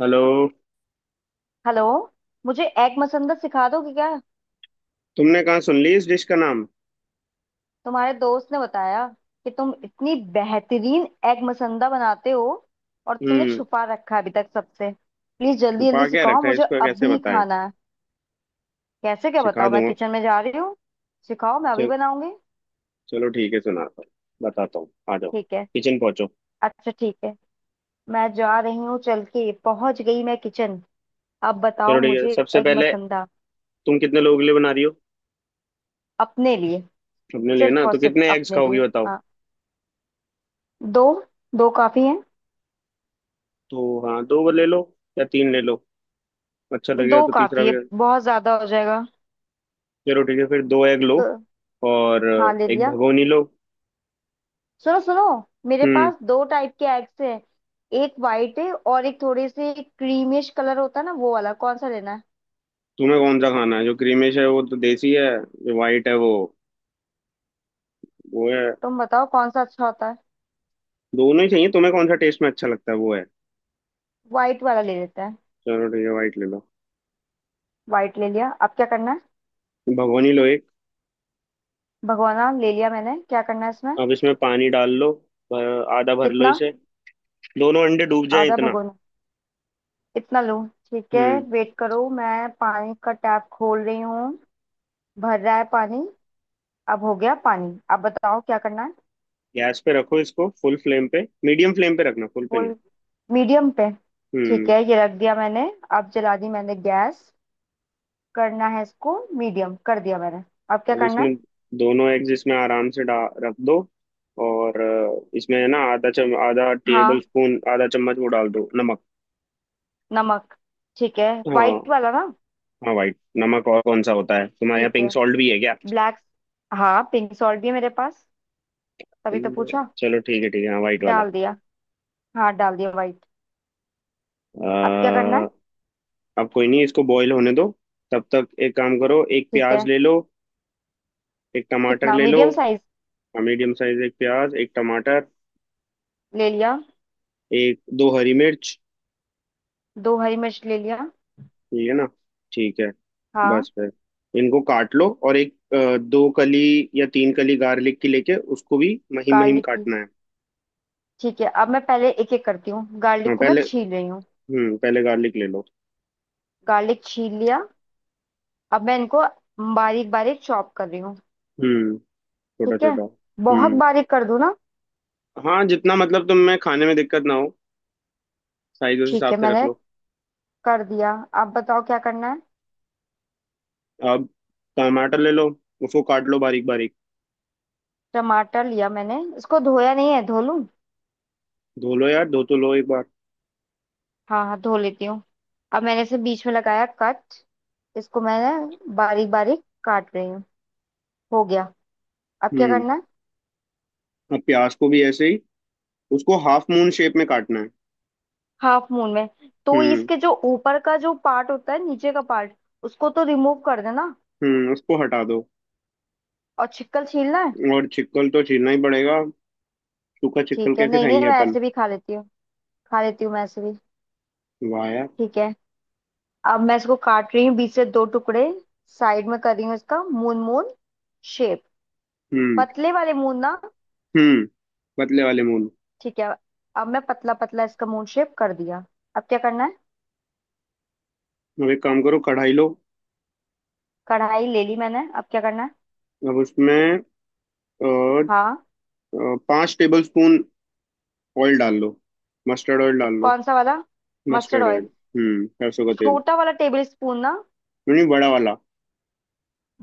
Hello. Hello. मुझे egg मसंदत सिखा दोगे क्या? तुमने कहाँ सुन ली इस डिश का नाम? तुम्हारे दोस्त ने बताया कि तुम इतनी बेहतरीन एग मसंदा बनाते हो, और तुमने हम्म। छुपा रखा है अभी तक सबसे। प्लीज जल्दी छुपा जल्दी क्या सिखाओ, रखा है, मुझे इसको कैसे अभी बताएं? खाना है। कैसे क्या सिखा बताओ, मैं दूंगा। किचन में जा रही हूँ। सिखाओ, मैं अभी चल, बनाऊंगी। चलो ठीक है, सुनाता हूँ। बताता हूँ, आ जाओ। ठीक है। किचन पहुंचो। अच्छा, ठीक है, मैं जा रही हूँ। चल के पहुंच गई मैं किचन। अब बताओ चलो ठीक है, मुझे सबसे एग पहले मसंदा। तुम कितने लोगों के लिए बना रही हो? अपने लिए। अपने लिए सिर्फ ना? और तो सिर्फ कितने एग्स अपने लिए। खाओगी बताओ। हाँ। दो। दो काफी है। तो हाँ, दो ले लो या तीन ले लो, अच्छा लगेगा दो तो तीसरा काफी है, भी। बहुत ज्यादा हो जाएगा। चलो ठीक है, फिर दो एग लो। दो। और हाँ, ले एक लिया। भगोनी लो। सुनो सुनो, मेरे हम्म। पास दो टाइप के एग्स हैं। एक वाइट है और एक थोड़े से क्रीमिश कलर होता है ना, वो वाला कौन सा लेना है? तुम्हें कौन सा खाना है? जो क्रीमिश है वो तो देसी है। जो वाइट है वो है। तुम बताओ कौन सा अच्छा होता है। दोनों ही चाहिए? तुम्हें कौन सा टेस्ट में अच्छा लगता है वो है। वाइट वाला ले लेते हैं। चलो ठीक है, वाइट ले लो। वाइट ले लिया, अब क्या करना है? भगोनी लो एक। भगोना ले लिया मैंने, क्या करना है इसमें? अब इसमें पानी डाल लो। भर, आधा भर लो कितना? इसे। दोनों अंडे डूब जाएं आधा इतना। भगोना? इतना लूं, ठीक है? हम्म। वेट करो, मैं पानी का टैप खोल रही हूँ। भर रहा है पानी। अब हो गया पानी, अब बताओ क्या करना है? गैस पे रखो इसको फुल फ्लेम पे, मीडियम फ्लेम पे रखना, फुल पे फुल। नहीं। मीडियम पे। ठीक हम्म। है, ये रख दिया मैंने। अब जला दी मैंने गैस। करना है इसको, मीडियम कर दिया मैंने। अब क्या अब करना है? इसमें दोनों एग्स इसमें आराम से डा रख दो। और इसमें है ना, आधा चम आधा टेबल हाँ, स्पून आधा चम्मच वो डाल दो नमक। नमक। ठीक है। हाँ। वाइट वाला ना? हाँ, वाइट नमक। और कौन सा होता है? तुम्हारे यहाँ ठीक पिंक है। सॉल्ट भी है क्या? ब्लैक। हाँ, पिंक सॉल्ट भी है मेरे पास, तभी तो पूछा। चलो ठीक है, ठीक है, हाँ, वाइट वाला। डाल दिया। हाँ, डाल दिया वाइट। अब क्या करना है? अब कोई नहीं, इसको बॉईल होने दो। तब तक एक काम करो, एक ठीक प्याज है। ले लो। एक टमाटर कितना? ले लो। Medium size? मीडियम साइज, एक प्याज एक टमाटर। ले लिया। एक दो हरी मिर्च। दो हरी मिर्च ले लिया। ठीक है ना? ठीक है। हाँ। बस फिर, इनको काट लो। और एक दो कली या तीन कली गार्लिक की लेके, उसको भी महीन महीन गार्लिक की? काटना है। ठीक है, अब मैं पहले एक एक करती हूँ, गार्लिक हाँ, को मैं पहले। छील रही हूँ। पहले गार्लिक ले लो। गार्लिक छील लिया। अब मैं इनको बारीक बारीक चॉप कर रही हूँ। हम्म। छोटा ठीक है। छोटा, बहुत हम्म। बारीक कर दूँ ना? हाँ, जितना मतलब तुम्हें खाने में दिक्कत ना हो। साइज उस ठीक हिसाब है, से रख मैंने लो। कर दिया। अब बताओ क्या करना है। अब टमाटर ले लो। उसको काट लो बारीक बारीक। टमाटर लिया मैंने, इसको धोया नहीं है, धो लूँ? धो लो यार, धो तो लो एक बार। हाँ हाँ, धो लेती हूँ। अब मैंने इसे बीच में लगाया कट। इसको मैंने बारीक बारीक काट रही हूँ। हो गया, अब क्या हम्म। करना है? अब प्याज को भी ऐसे ही, उसको हाफ मून शेप में काटना है। हाफ मून में? तो हम्म, इसके जो ऊपर का जो पार्ट होता है, नीचे का पार्ट, उसको तो रिमूव कर देना। हम्म। उसको हटा दो। और छिक्कल छीलना है? और छिकल तो छीलना ही पड़ेगा। सूखा छिकल ठीक है। कैसे नहीं नहीं, खाएंगे मैं अपन? ऐसे भी खा लेती हूँ। खा लेती हूँ मैं ऐसे भी। वाह यार। ठीक है। अब मैं इसको काट रही हूँ बीच से दो टुकड़े। साइड में कर रही हूँ इसका मून मून शेप। हम्म। पतले वाले मून ना? हम्म पतले वाले मून। ठीक है, अब मैं पतला पतला इसका मून शेप कर दिया। अब क्या करना है? अब एक काम करो, कढ़ाई लो। कढ़ाई ले ली मैंने, अब क्या करना है? अब उसमें अ, अ, हाँ। 5 टेबल स्पून ऑयल डाल लो, मस्टर्ड ऑयल डाल लो। कौन सा वाला? Mustard mustard oil. ऑयल? सरसों का तेल। छोटा वाला टेबल स्पून ना? नहीं, बड़ा वाला।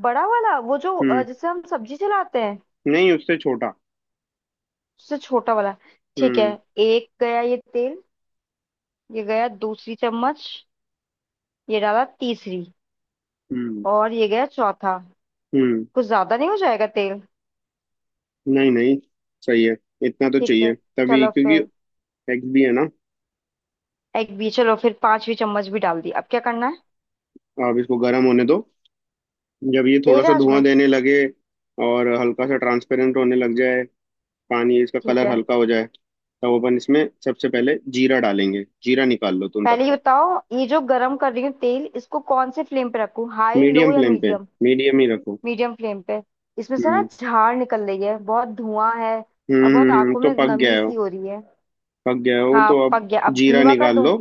बड़ा वाला, वो जो हम्म जिससे हम सब्जी चलाते हैं। नहीं, उससे छोटा। उससे छोटा वाला? ठीक है। हम्म, एक गया ये तेल। ये गया दूसरी चम्मच। ये डाला तीसरी। हम्म, और ये गया चौथा। हम्म। कुछ ज्यादा नहीं हो जाएगा तेल? नहीं, नहीं, सही है। इतना तो ठीक चाहिए है, तभी, चलो क्योंकि फिर। एग्स भी है ना। एग भी, चलो फिर पांचवी चम्मच भी डाल दी। अब क्या करना है? आप इसको गर्म होने दो। जब ये थोड़ा तेज सा आंच धुआं में? देने लगे और हल्का सा ट्रांसपेरेंट होने लग जाए, पानी इसका ठीक कलर है, हल्का हो जाए, तब अपन इसमें सबसे पहले जीरा डालेंगे। जीरा निकाल लो तुम तब पहले ये तक। बताओ, ये जो गरम कर रही हूँ तेल, इसको कौन से फ्लेम पे रखूँ, हाई, लो मीडियम या फ्लेम पे, मीडियम? मीडियम ही रखो। मीडियम फ्लेम पे? इसमें से ना हम्म, झाड़ निकल रही है, बहुत धुआं है। हम्म। और बहुत आंखों तो में पक गया नमी है वो। सी हो रही है। पक गया है वो हाँ तो अब। पक गया, अब जीरा धीमा कर निकाल दूं? लो।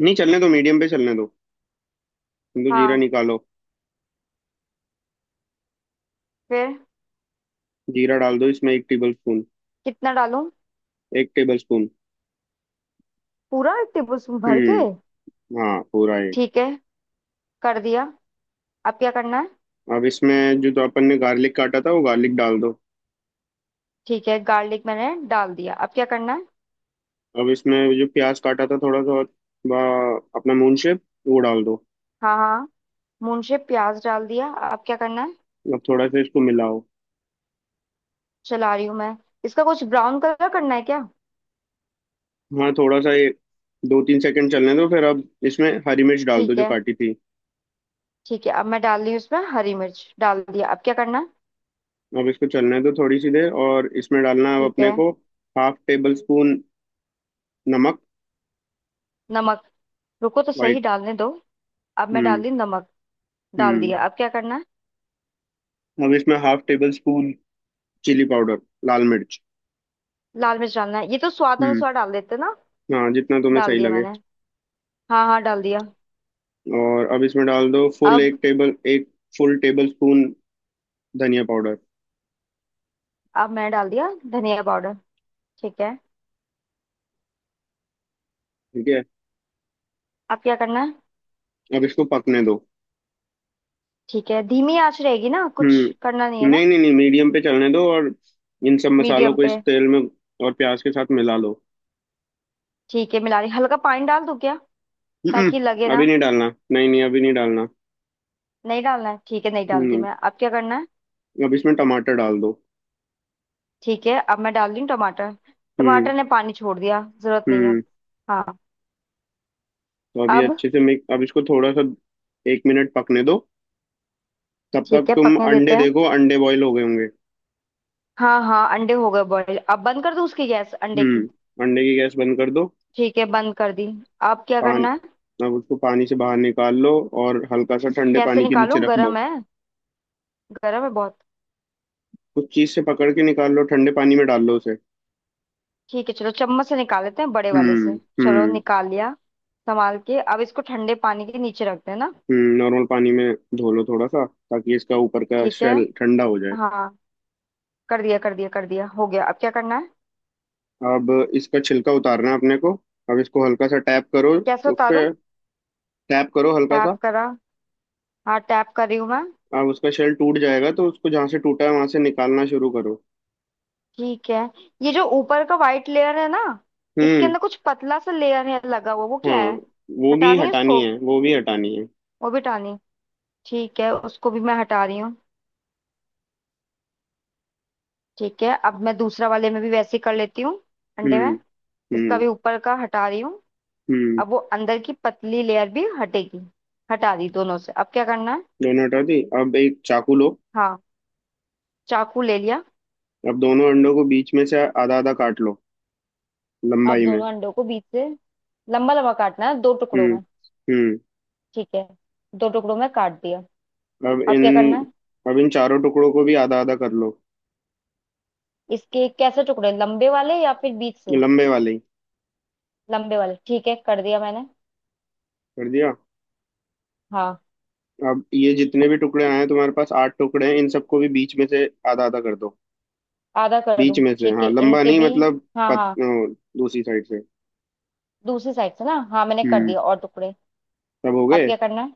नहीं, चलने दो, मीडियम पे चलने दो। तुम तो जीरा हाँ। निकालो। फिर? जीरा डाल दो इसमें 1 टेबल स्पून। कितना डालूं? 1 टेबल स्पून। पूरा 1 टेबल स्पून भर के? हाँ, पूरा ही। ठीक है, कर दिया। अब क्या करना है? अब इसमें जो तो अपन ने गार्लिक काटा था, वो गार्लिक डाल दो। ठीक है, गार्लिक मैंने डाल दिया। अब क्या करना है? अब इसमें जो प्याज काटा था थोड़ा सा, अपना मून शेप वो डाल दो। हाँ हाँ, मून शेप प्याज डाल दिया। अब क्या करना है? अब थोड़ा सा इसको मिलाओ। चला रही हूँ मैं। इसका कुछ ब्राउन कलर करना है क्या? हाँ, थोड़ा सा ये, 2 3 सेकंड चलने दो, फिर अब इसमें हरी मिर्च डाल दो ठीक जो है। काटी थी। ठीक है, अब मैं डाल रही हूँ इसमें हरी मिर्च। डाल दिया, अब क्या करना है? अब इसको चलने दो थोड़ी सी देर, और इसमें डालना है अब ठीक अपने है। को हाफ टेबल स्पून नमक, नमक? रुको तो सही, वाइट। डालने दो। अब मैं डाल हम्म, दी नमक। डाल हम्म। दिया, अब क्या करना है? अब इसमें half tablespoon chilli powder, लाल मिर्च। लाल मिर्च डालना है? ये तो स्वाद हम्म अनुसार डाल देते ना। हाँ, जितना तुम्हें डाल सही दिया लगे। मैंने। हाँ हाँ, डाल दिया। और अब इसमें डाल दो, अब? फुल टेबल स्पून धनिया पाउडर। अब मैंने डाल दिया धनिया पाउडर। ठीक है, ठीक है। अब क्या करना है? अब इसको पकने दो। ठीक है, धीमी आंच रहेगी ना, कुछ करना नहीं हम्म है नहीं, ना? नहीं, नहीं, मीडियम पे चलने दो और इन सब मसालों मीडियम को इस पे? तेल में और प्याज के साथ मिला लो। ठीक है, मिला रही। हल्का पानी डाल दूं क्या, ताकि लगे अभी ना? नहीं डालना, नहीं, नहीं, अभी नहीं डालना। नहीं डालना है, ठीक है, नहीं डालती हम्म मैं। अब क्या करना है? अब इसमें टमाटर डाल दो। ठीक है, अब मैं डाल रही हूँ टमाटर। हम्म, टमाटर ने पानी छोड़ दिया, जरूरत नहीं है अब। हम्म। हाँ। तो अभी अब? अच्छे से मिक्स, अब इसको थोड़ा सा 1 मिनट पकने दो, तब तक ठीक है, तुम पकने देते अंडे हैं। देखो, अंडे बॉईल हो गए होंगे। हाँ हाँ, अंडे हो गए बॉईल, अब बंद कर दूँ उसकी गैस, अंडे की? अंडे की गैस बंद कर दो। ठीक है, बंद कर दी। अब क्या पान करना है? अब उसको पानी से बाहर निकाल लो। और हल्का सा ठंडे कैसे पानी के नीचे निकालूं, रख गरम लो। है? गरम है बहुत। कुछ चीज से पकड़ के निकाल लो, ठंडे पानी में डाल लो उसे। ठीक है, चलो चम्मच से निकाल लेते हैं बड़े वाले से। हम्म, चलो, हम्म। निकाल लिया। संभाल के, अब इसको ठंडे पानी के नीचे रखते हैं ना? नॉर्मल पानी में धो लो थोड़ा सा, ताकि इसका ऊपर का ठीक है। शेल ठंडा हो जाए। हाँ। कर दिया कर दिया कर दिया, हो गया। अब क्या करना है? अब इसका छिलका उतारना है अपने को। अब इसको हल्का सा टैप करो कैसे उस पे, उतारूं? टैप करो हल्का टैप सा। करा? हाँ, टैप कर रही हूँ मैं। अब उसका शेल टूट जाएगा, तो उसको जहाँ से टूटा है वहां से निकालना शुरू करो। ठीक है, ये जो ऊपर का वाइट लेयर है ना, इसके हम्म अंदर कुछ पतला सा लेयर है लगा हुआ, वो क्या हाँ, है? वो भी हटानी है हटानी उसको? है, वो भी हटानी है। वो भी हटानी? ठीक है, उसको भी मैं हटा रही हूँ। ठीक है, अब मैं दूसरा वाले में भी वैसे ही कर लेती हूँ, अंडे हम्म, में। इसका हम्म। भी ऊपर का हटा रही हूँ। हम्म अब वो अंदर की पतली लेयर भी हटेगी। हटा दी दोनों से, अब क्या करना है? दोनों हटा दी, अब एक चाकू लो। हाँ, चाकू ले लिया। अब दोनों अंडों को बीच में से आधा आधा काट लो, अब लंबाई में। दोनों अंडों को बीच से लंबा लंबा काटना है, दो टुकड़ों हम्म, में? हम्म। ठीक है, दो टुकड़ों में काट दिया। अब अब इन क्या करना है? अब इन चारों टुकड़ों को भी आधा आधा कर लो। इसके कैसे टुकड़े, लंबे वाले या फिर बीच से? लंबे वाले ही। लंबे वाले, ठीक है, कर दिया मैंने। कर दिया। हाँ। अब ये जितने भी टुकड़े आए हैं, तुम्हारे पास आठ टुकड़े हैं, इन सबको भी बीच में से आधा आधा कर दो। आधा कर बीच दूं, में से, ठीक हाँ, है, लंबा इनके नहीं भी? मतलब। हाँ हाँ। दूसरी साइड से। दूसरी साइड से ना, हाँ मैंने कर हम्म दिया और टुकड़े। सब हो अब गए। क्या करना है?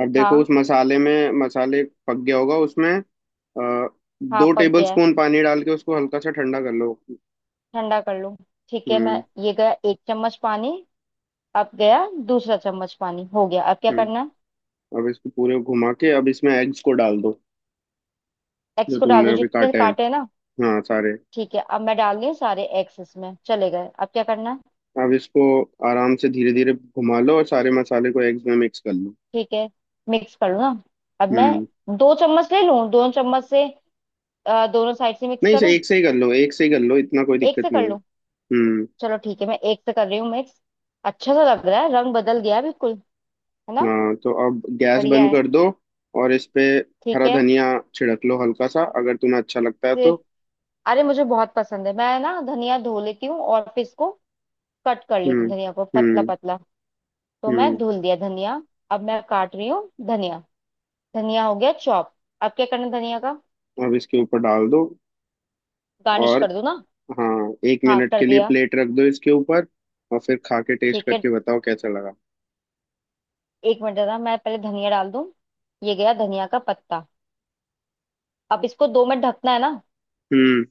अब देखो उस हाँ मसाले में, मसाले पक गया होगा, उसमें हाँ, दो पक टेबल गया है। स्पून पानी डाल के उसको हल्का सा ठंडा कर लो। ठंडा कर लूं, ठीक है मैं। हम्म, ये गया 1 चम्मच पानी। अब गया दूसरा चम्मच पानी। हो गया, अब क्या हम्म। करना है? अब इसको पूरे घुमा के, अब इसमें एग्स को डाल दो, एग्स जो को डाल तुमने दो अभी जितने काटे हैं, काटे हैं ना? हाँ, सारे। ठीक है, अब मैं डाल रही हूँ सारे एग्स, इसमें चले गए। अब क्या करना है? अब इसको आराम से धीरे धीरे घुमा लो, और सारे मसाले को एग्स में मिक्स कर लो। ठीक है, मिक्स कर लूँ ना? अब हम्म मैं 2 चम्मच ले लूँ, 2 चम्मच से दोनों साइड से मिक्स नहीं, से करूं? एक से ही कर लो, एक से ही कर लो, इतना कोई एक दिक्कत से नहीं कर है। लूं? हम्म। चलो ठीक है, मैं एक से कर रही हूँ मिक्स। अच्छा सा लग रहा है, रंग बदल गया बिल्कुल, है ना? हाँ तो अब गैस बढ़िया बंद है। कर दो और इस पे ठीक हरा है। धनिया छिड़क लो हल्का सा, अगर तुम्हें अच्छा लगता है तो। सिर्फ? अरे मुझे बहुत पसंद है, मैं ना धनिया धो लेती हूँ और फिर इसको कट कर लेती हूँ हम्म, धनिया को पतला हम्म। पतला। तो मैं हम्म धुल दिया धनिया। अब मैं काट रही हूँ धनिया। धनिया हो गया चॉप। अब क्या करना है धनिया का? अब इसके ऊपर डाल दो। गार्निश और कर दूं ना? हाँ, एक हाँ, मिनट कर के लिए दिया। प्लेट रख दो इसके ऊपर, और फिर खा के टेस्ट ठीक है, करके बताओ कैसा लगा। 1 मिनट ना, मैं पहले धनिया डाल दूं। ये गया धनिया का पत्ता। अब इसको 2 मिनट ढकना है ना? हम्म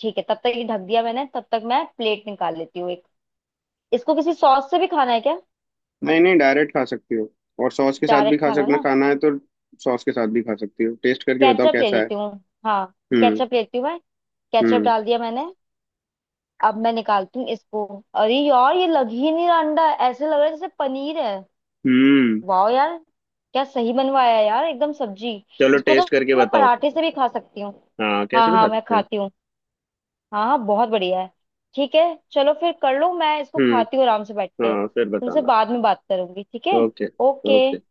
ठीक है, तब तक ये ढक दिया मैंने, तब तक मैं प्लेट निकाल लेती हूँ एक। इसको किसी सॉस से भी खाना है क्या? नहीं, नहीं, डायरेक्ट खा सकती हो। और सॉस के साथ भी डायरेक्ट खा खाना सकना, ना। खाना है तो, सॉस के साथ भी खा सकती हो, टेस्ट करके बताओ केचप ले कैसा है। लेती हूँ। हाँ, हम्म, केचप लेती हूँ मैं। केचप हम्म। डाल दिया मैंने। अब मैं निकालती हूँ इसको। अरे यार, ये लग ही नहीं रहा अंडा, ऐसे लग रहा है जैसे पनीर है। हम्म वाह यार। क्या सही बनवाया है यार, एकदम सब्जी। चलो, इसको टेस्ट तो करके मैं बताओ। पराठे से भी खा सकती हूँ। हाँ, हाँ कैसे भी हाँ, खा मैं सकते हैं। खाती हूँ। हाँ हाँ, बहुत बढ़िया है। ठीक है, चलो फिर, कर लो मैं इसको हम्म खाती हूँ आराम से बैठ के, हाँ, फिर तुमसे बताना। बाद में बात करूंगी, ठीक है। ओके। ओके। ओके।